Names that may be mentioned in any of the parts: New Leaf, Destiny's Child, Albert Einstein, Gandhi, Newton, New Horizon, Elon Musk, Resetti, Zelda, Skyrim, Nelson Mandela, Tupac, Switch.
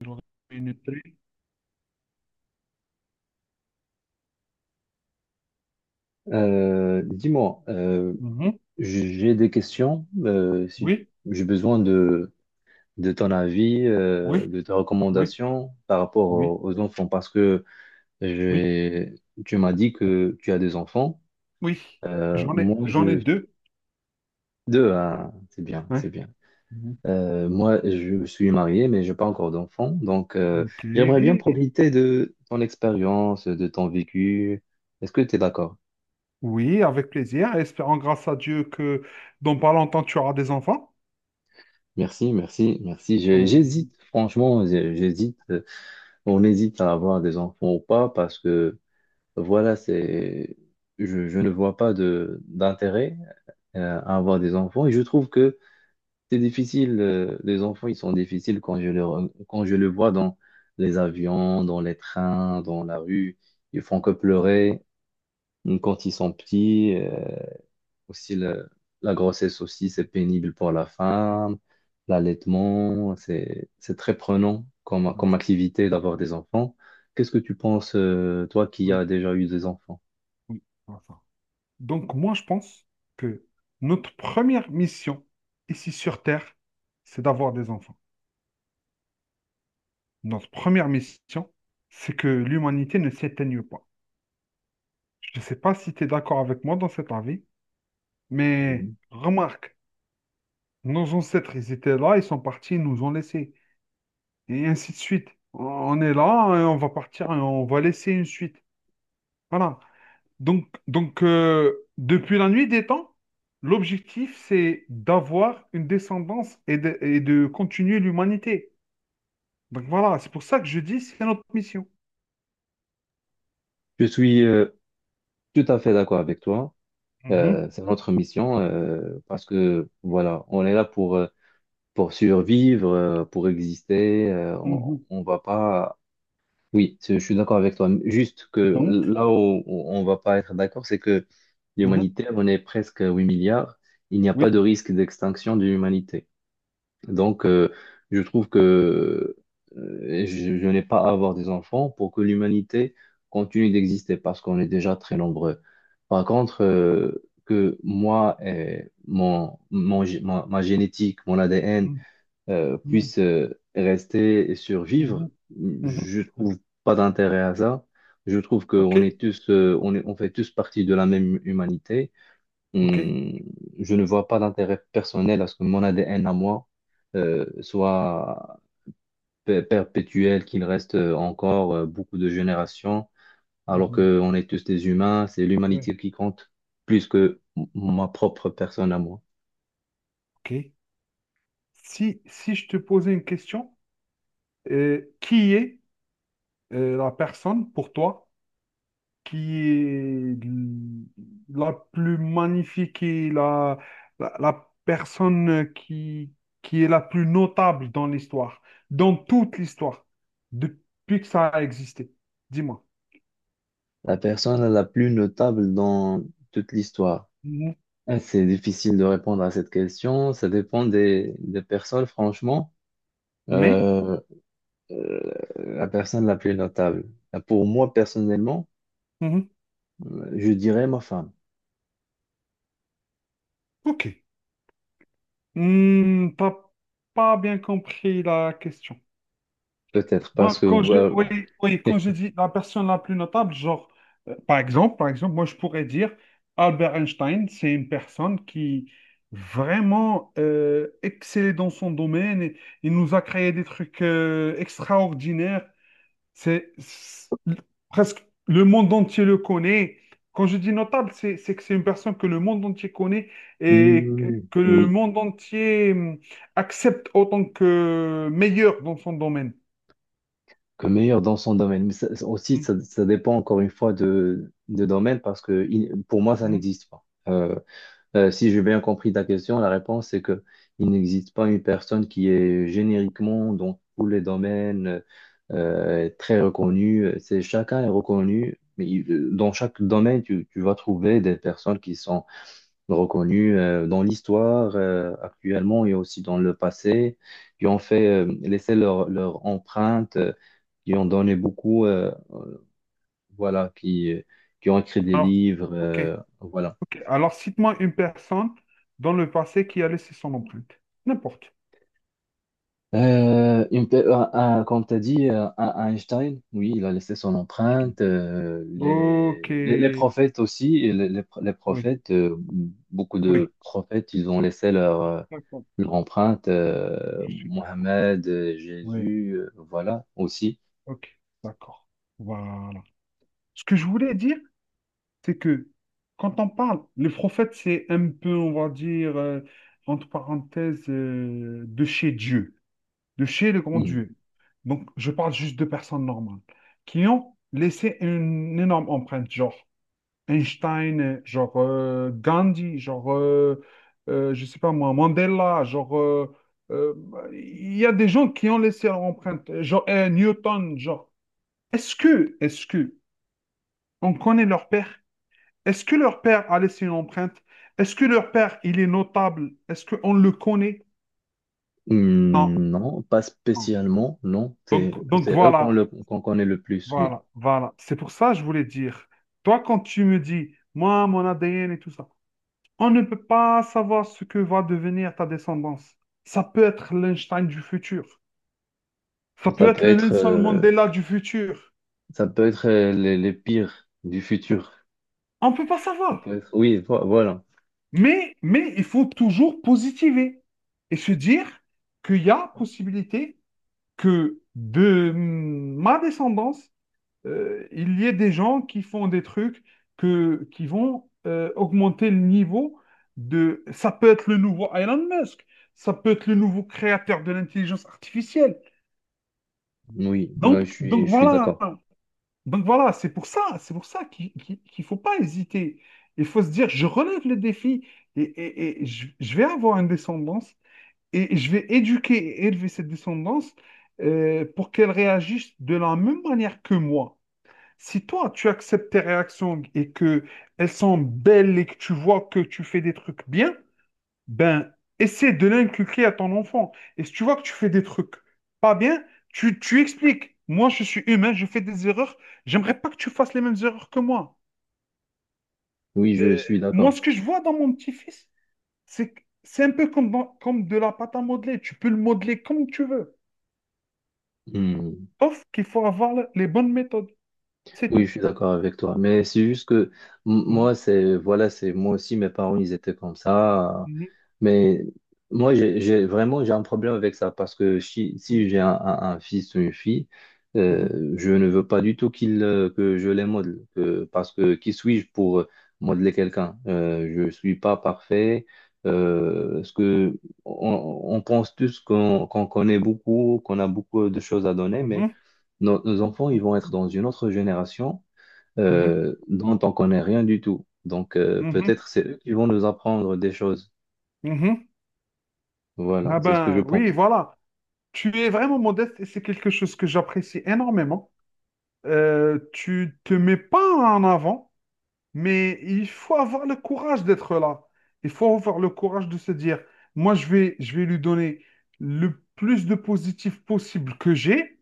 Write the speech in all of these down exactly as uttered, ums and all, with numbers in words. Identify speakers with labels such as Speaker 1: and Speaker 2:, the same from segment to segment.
Speaker 1: J'aurais une tri-
Speaker 2: Euh, dis-moi, euh,
Speaker 1: Mhm.
Speaker 2: j- j'ai des questions. Euh, si
Speaker 1: Oui,
Speaker 2: j'ai besoin de, de ton avis, euh,
Speaker 1: oui,
Speaker 2: de tes
Speaker 1: oui,
Speaker 2: recommandations par rapport
Speaker 1: oui,
Speaker 2: aux, aux enfants, parce que
Speaker 1: oui,
Speaker 2: j'ai- tu m'as dit que tu as des enfants.
Speaker 1: oui.
Speaker 2: Euh,
Speaker 1: J'en ai,
Speaker 2: moi,
Speaker 1: j'en ai
Speaker 2: je
Speaker 1: deux.
Speaker 2: deux, hein, c'est bien, c'est
Speaker 1: Ouais.
Speaker 2: bien.
Speaker 1: Mhm.
Speaker 2: Euh, moi, je suis marié, mais je n'ai pas encore d'enfants, donc euh,
Speaker 1: Ok.
Speaker 2: j'aimerais bien profiter de ton expérience, de ton vécu. Est-ce que tu es d'accord?
Speaker 1: Oui, avec plaisir. Espérons grâce à Dieu que dans pas longtemps tu auras des enfants.
Speaker 2: Merci, merci, merci. J'ai- J'hésite,
Speaker 1: Oui.
Speaker 2: franchement, j'ai- j'hésite. On hésite à avoir des enfants ou pas parce que voilà, c'est, je, je ne vois pas de d'intérêt euh, à avoir des enfants. Et je trouve que c'est difficile, euh, les enfants, ils sont difficiles quand je le, re- quand je le vois dans les avions, dans les trains, dans la rue. Ils font que pleurer quand ils sont petits. Euh, aussi, le- la grossesse aussi, c'est pénible pour la femme. L'allaitement, c'est, c'est très prenant comme, comme activité d'avoir des enfants. Qu'est-ce que tu penses, euh, toi qui
Speaker 1: Oui,
Speaker 2: as déjà eu des enfants?
Speaker 1: oui, voilà. Donc moi je pense que notre première mission ici sur Terre, c'est d'avoir des enfants. Notre première mission, c'est que l'humanité ne s'éteigne pas. Je ne sais pas si tu es d'accord avec moi dans cet avis. Mais
Speaker 2: Mhm.
Speaker 1: remarque, nos ancêtres, ils étaient là, ils sont partis, ils nous ont laissés. Et ainsi de suite. On est là, et on va partir, et on va laisser une suite. Voilà. Donc, donc euh, depuis la nuit des temps, l'objectif, c'est d'avoir une descendance et de, et de continuer l'humanité. Donc voilà, c'est pour ça que je dis, c'est notre mission.
Speaker 2: Je suis euh, tout à fait d'accord avec toi.
Speaker 1: Mhm,
Speaker 2: Euh, c'est notre mission euh, parce que voilà, on est là pour, euh, pour survivre, euh, pour exister. Euh,
Speaker 1: mhm.
Speaker 2: on, on va pas. Oui, c'est- je suis d'accord avec toi. Juste que
Speaker 1: Donc,
Speaker 2: là où où on va pas être d'accord, c'est que
Speaker 1: mhm,
Speaker 2: l'humanité, on est presque à huit milliards. Il n'y a pas de
Speaker 1: oui.
Speaker 2: risque d'extinction de l'humanité. Donc, euh, je trouve que euh, je, je n'ai pas à avoir des enfants pour que l'humanité continue d'exister parce qu'on est déjà très nombreux. Par contre, euh, que moi et mon, mon gé- ma, ma génétique, mon A D N,
Speaker 1: Mhm,
Speaker 2: euh,
Speaker 1: mhm,
Speaker 2: puissent euh, rester et survivre,
Speaker 1: mhm. Mhm.
Speaker 2: je trouve pas d'intérêt à ça. Je trouve
Speaker 1: Ok,
Speaker 2: qu'on est tous, euh, on est- on fait tous partie de la même humanité.
Speaker 1: ok.
Speaker 2: Hum, je ne vois pas d'intérêt personnel à ce que mon A D N à moi euh, soit pe- perpétuel, qu'il reste euh, encore euh, beaucoup de générations, alors
Speaker 1: Mhm,
Speaker 2: qu'on est tous des humains. C'est
Speaker 1: ouais,
Speaker 2: l'humanité qui compte plus que m- ma propre personne à moi.
Speaker 1: ok. Si, si je te posais une question, euh, qui est euh, la personne pour toi qui est l- la plus magnifique et la, la, la personne qui, qui est la plus notable dans l'histoire, dans toute l'histoire, depuis que ça a existé? Dis-moi.
Speaker 2: La personne la plus notable dans toute l'histoire.
Speaker 1: Mhm.
Speaker 2: Ah, c'est difficile de répondre à cette question. Ça dépend des, des personnes, franchement.
Speaker 1: Mais,
Speaker 2: Euh, euh, la personne la plus notable. Ah, pour moi, personnellement,
Speaker 1: mhm,
Speaker 2: euh, je dirais ma femme.
Speaker 1: ok. Hmm, t'as pas bien compris la question.
Speaker 2: Peut-être parce
Speaker 1: Moi,
Speaker 2: que
Speaker 1: quand je,
Speaker 2: euh,
Speaker 1: oui, oui, quand je dis la personne la plus notable, genre, euh, par exemple, par exemple, moi, je pourrais dire Albert Einstein, c'est une personne qui vraiment euh, excellait dans son domaine et il nous a créé des trucs euh, extraordinaires. C'est c'est- Presque le monde entier le connaît. Quand je dis notable, c'est c'est que c'est une personne que le monde entier connaît et que
Speaker 2: hmm,
Speaker 1: que le
Speaker 2: oui,
Speaker 1: monde entier, hum, accepte autant que meilleur dans son domaine.
Speaker 2: que meilleur dans son domaine. Mais ça- ça aussi, ça, ça dépend encore une fois de, de domaine parce que il- pour moi, ça
Speaker 1: Mhm.
Speaker 2: n'existe pas. Euh, Euh, si j'ai bien compris ta question, la réponse c'est que il n'existe pas une personne qui est génériquement dans tous les domaines euh, très reconnue. C'est chacun est reconnu, mais il- euh, dans chaque domaine tu, tu vas trouver des personnes qui sont reconnues euh, dans l'histoire euh, actuellement et aussi dans le passé, qui ont fait euh, laissé leur, leur empreinte, euh, qui ont donné beaucoup, euh, voilà, qui qui ont écrit des
Speaker 1: Alors,
Speaker 2: livres,
Speaker 1: ok,
Speaker 2: euh, voilà.
Speaker 1: ok. Alors, cite-moi une personne dans le passé qui a laissé son empreinte. N'importe.
Speaker 2: Euh, une pe- euh, euh, Comme tu as dit, euh, à- Einstein, oui, il a laissé son empreinte. Euh, les,
Speaker 1: Ok,
Speaker 2: les, les
Speaker 1: oui,
Speaker 2: prophètes aussi, et les, les, les prophètes, euh, beaucoup
Speaker 1: oui.
Speaker 2: de prophètes, ils ont laissé leur, euh,
Speaker 1: D'accord.
Speaker 2: leur empreinte. Euh,
Speaker 1: Je suis d'accord.
Speaker 2: Mohamed, euh,
Speaker 1: Oui,
Speaker 2: Jésus, euh, voilà, aussi.
Speaker 1: ok, d'accord. Voilà. Ce que je voulais dire, c'est que quand on parle, les prophètes, c'est un peu, on va dire, euh, entre parenthèses, euh, de chez Dieu, de chez le grand
Speaker 2: Hmm.
Speaker 1: Dieu. Donc, je parle juste de personnes normales qui ont laissé une énorme empreinte, genre. Einstein, genre euh, Gandhi, genre, euh, euh, je sais pas moi, Mandela, genre, euh, euh, il y a des gens qui ont laissé leur empreinte, genre euh, Newton, genre, est-ce que, est-ce que, on connaît leur père? Est-ce que leur père a laissé une empreinte? Est-ce que leur père, il est notable? Est-ce qu'on le connaît? Non,
Speaker 2: Hmm, non, pas
Speaker 1: non.
Speaker 2: spécialement, non. C'est,
Speaker 1: Donc, donc
Speaker 2: c'est eux qu'on
Speaker 1: voilà,
Speaker 2: le, qu'on connaît le plus, oui.
Speaker 1: voilà, voilà. C'est pour ça que je voulais dire, toi, quand tu me dis, moi, mon A D N et tout ça, on ne peut pas savoir ce que va devenir ta descendance. Ça peut être l'Einstein du futur. Ça
Speaker 2: Ça
Speaker 1: peut
Speaker 2: peut
Speaker 1: être le
Speaker 2: être,
Speaker 1: Nelson
Speaker 2: euh,
Speaker 1: Mandela du futur.
Speaker 2: ça peut être euh, les, les pires du futur.
Speaker 1: On ne peut pas
Speaker 2: Ça peut
Speaker 1: savoir.
Speaker 2: être- oui, vo- voilà.
Speaker 1: Mais, mais il faut toujours positiver et se dire qu'il y a possibilité que de ma descendance, euh, il y ait des gens qui font des trucs que, qui vont euh, augmenter le niveau de... Ça peut être le nouveau Elon Musk. Ça peut être le nouveau créateur de l'intelligence artificielle.
Speaker 2: Oui, euh, je
Speaker 1: Donc,
Speaker 2: suis,
Speaker 1: donc
Speaker 2: je suis
Speaker 1: voilà,
Speaker 2: d'accord.
Speaker 1: donc voilà, c'est pour ça, c'est pour ça qu'il qu'il- qu'il faut pas hésiter. Il faut se dire, je relève le défi et, et- et je, je vais avoir une descendance et je vais éduquer et élever cette descendance euh, pour qu'elle réagisse de la même manière que moi. Si toi, tu acceptes tes réactions et que elles sont belles et que tu vois que tu fais des trucs bien, ben, essaie de l'inculquer à ton enfant. Et si tu vois que tu fais des trucs pas bien, tu, tu expliques. Moi, je suis humain, je fais des erreurs. J'aimerais pas que tu fasses les mêmes erreurs que moi.
Speaker 2: Oui, je
Speaker 1: Euh,
Speaker 2: suis
Speaker 1: Moi,
Speaker 2: d'accord.
Speaker 1: ce que je vois dans mon petit-fils, c'est que c'est un peu comme, dans- comme de la pâte à modeler. Tu peux le modeler comme tu veux.
Speaker 2: Hmm.
Speaker 1: Sauf qu'il faut avoir le- les bonnes méthodes. C'est
Speaker 2: Oui,
Speaker 1: tout.
Speaker 2: je suis d'accord avec toi. Mais c'est juste que m-
Speaker 1: Mhm,
Speaker 2: moi, c'est voilà, c'est moi aussi, mes parents, ils étaient comme ça. Euh,
Speaker 1: mhm,
Speaker 2: mais moi, j'ai j'ai- vraiment j'ai un problème avec ça parce que si, si
Speaker 1: mhm,
Speaker 2: j'ai un, un- un fils ou une fille, euh, je ne veux pas du tout qu'il euh, que je les modèle. Que- parce que qui suis-je pour euh, modeler quelqu'un? Euh, je suis pas parfait. Euh, ce que on, on pense tous qu'on qu'on connaît beaucoup, qu'on a beaucoup de choses à donner, mais
Speaker 1: mhm,
Speaker 2: nos nos enfants, ils vont être dans une autre génération
Speaker 1: mhm,
Speaker 2: euh, dont on connaît rien du tout. Donc, euh,
Speaker 1: mhm, mhm.
Speaker 2: peut-être c'est eux qui vont nous apprendre des choses.
Speaker 1: Mhm.
Speaker 2: Voilà,
Speaker 1: Ah
Speaker 2: c'est ce que je
Speaker 1: ben oui,
Speaker 2: pense.
Speaker 1: voilà. Tu es vraiment modeste et c'est quelque chose que j'apprécie énormément. Euh, tu te mets pas en avant, mais il faut avoir le courage d'être là. Il faut avoir le courage de se dire, moi, je vais, je vais lui donner le plus de positif possible que j'ai.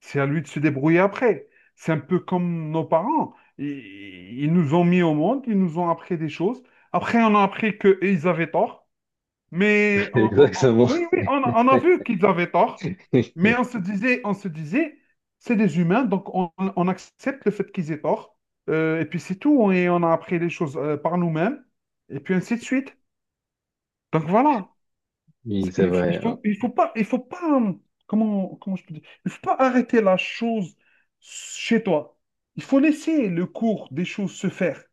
Speaker 1: C'est à lui de se débrouiller après. C'est un peu comme nos parents. Ils, ils nous ont mis au monde, ils nous ont appris des choses. Après, on a appris qu'ils avaient tort. Mais on- on- on-
Speaker 2: Exactement.
Speaker 1: oui, oui, on, on a vu qu'ils avaient tort, mais on se disait, on se disait, c'est des humains, donc on, on accepte le fait qu'ils aient tort. Euh, et puis c'est tout, et on a appris les choses euh, par nous-mêmes, et puis ainsi de suite. Donc voilà,
Speaker 2: Oui,
Speaker 1: C'est-
Speaker 2: c'est
Speaker 1: il, f- il
Speaker 2: vrai, hein.
Speaker 1: faut, il faut pas, il faut pas, hum, comment, comment je peux dire, il faut pas arrêter la chose chez toi. Il faut laisser le cours des choses se faire.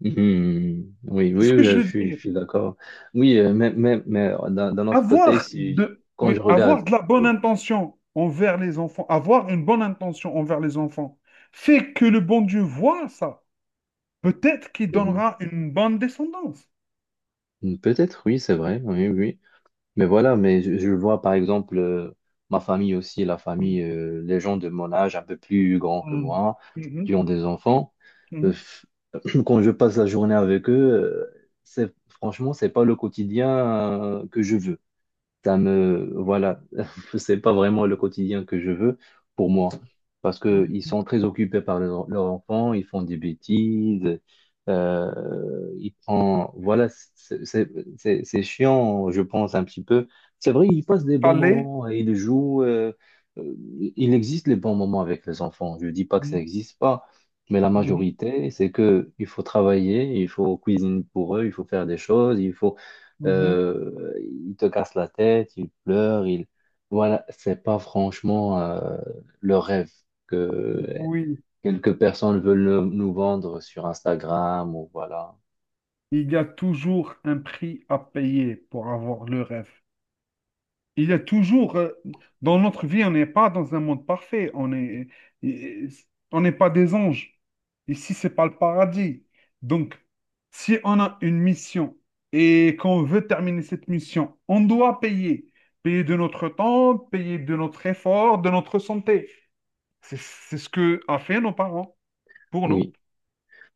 Speaker 2: Mhm. Oui,
Speaker 1: C'est
Speaker 2: oui,
Speaker 1: ce que
Speaker 2: oui,
Speaker 1: je
Speaker 2: je
Speaker 1: veux
Speaker 2: suis, je
Speaker 1: dire.
Speaker 2: suis d'accord. Oui, euh, mais, mais, mais d'un d'un autre côté,
Speaker 1: Avoir
Speaker 2: si,
Speaker 1: de,
Speaker 2: quand
Speaker 1: oui,
Speaker 2: je regarde,
Speaker 1: avoir de la bonne
Speaker 2: oui.
Speaker 1: intention envers les enfants, avoir une bonne intention envers les enfants, fait que le bon Dieu voit ça. Peut-être qu'il donnera une bonne descendance.
Speaker 2: Mhm. Peut-être, oui, c'est vrai. Oui, oui. Mais voilà, mais je, je vois par exemple euh, ma famille aussi, la
Speaker 1: Oui.
Speaker 2: famille, euh, les gens de mon âge, un peu plus grands que
Speaker 1: Mm.
Speaker 2: moi,
Speaker 1: Mhm,
Speaker 2: qui ont des enfants. Euh,
Speaker 1: mhm,
Speaker 2: f- quand je passe la journée avec eux, euh, c'est, franchement, c'est pas le quotidien euh, que je veux ça me, voilà, c'est pas vraiment le quotidien que je veux pour moi, parce que ils
Speaker 1: mhm.
Speaker 2: sont très occupés par leur- leurs enfants, ils font des bêtises, euh, ils prennent, voilà, c'est c'est- c'est- c'est chiant, je pense un petit peu. C'est vrai, ils passent des bons
Speaker 1: Allez.
Speaker 2: moments et ils jouent. Euh, euh, il existe les bons moments avec les enfants. Je dis pas que ça
Speaker 1: Mhm,
Speaker 2: n'existe pas, mais la
Speaker 1: mhm,
Speaker 2: majorité, c'est que il faut travailler, il faut cuisiner pour eux, il faut faire des choses, il faut
Speaker 1: mhm.
Speaker 2: euh, il te casse la tête, il pleure, il. Voilà, c'est pas franchement euh, le rêve que
Speaker 1: Oui,
Speaker 2: quelques personnes veulent nous nous vendre sur Instagram ou voilà.
Speaker 1: il y a toujours un prix à payer pour avoir le rêve. Il y a toujours, euh, dans notre vie, on n'est pas dans un monde parfait. On est, et- on n'est pas des anges. Ici, c'est pas le paradis. Donc, si on a une mission et qu'on veut terminer cette mission, on doit payer. Payer de notre temps, payer de notre effort, de notre santé. C'est c'est ce que a fait nos parents pour nous.
Speaker 2: Oui.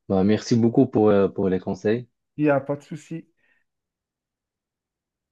Speaker 2: Bah, merci beaucoup pour, euh, pour les conseils.
Speaker 1: Il n'y a pas de souci.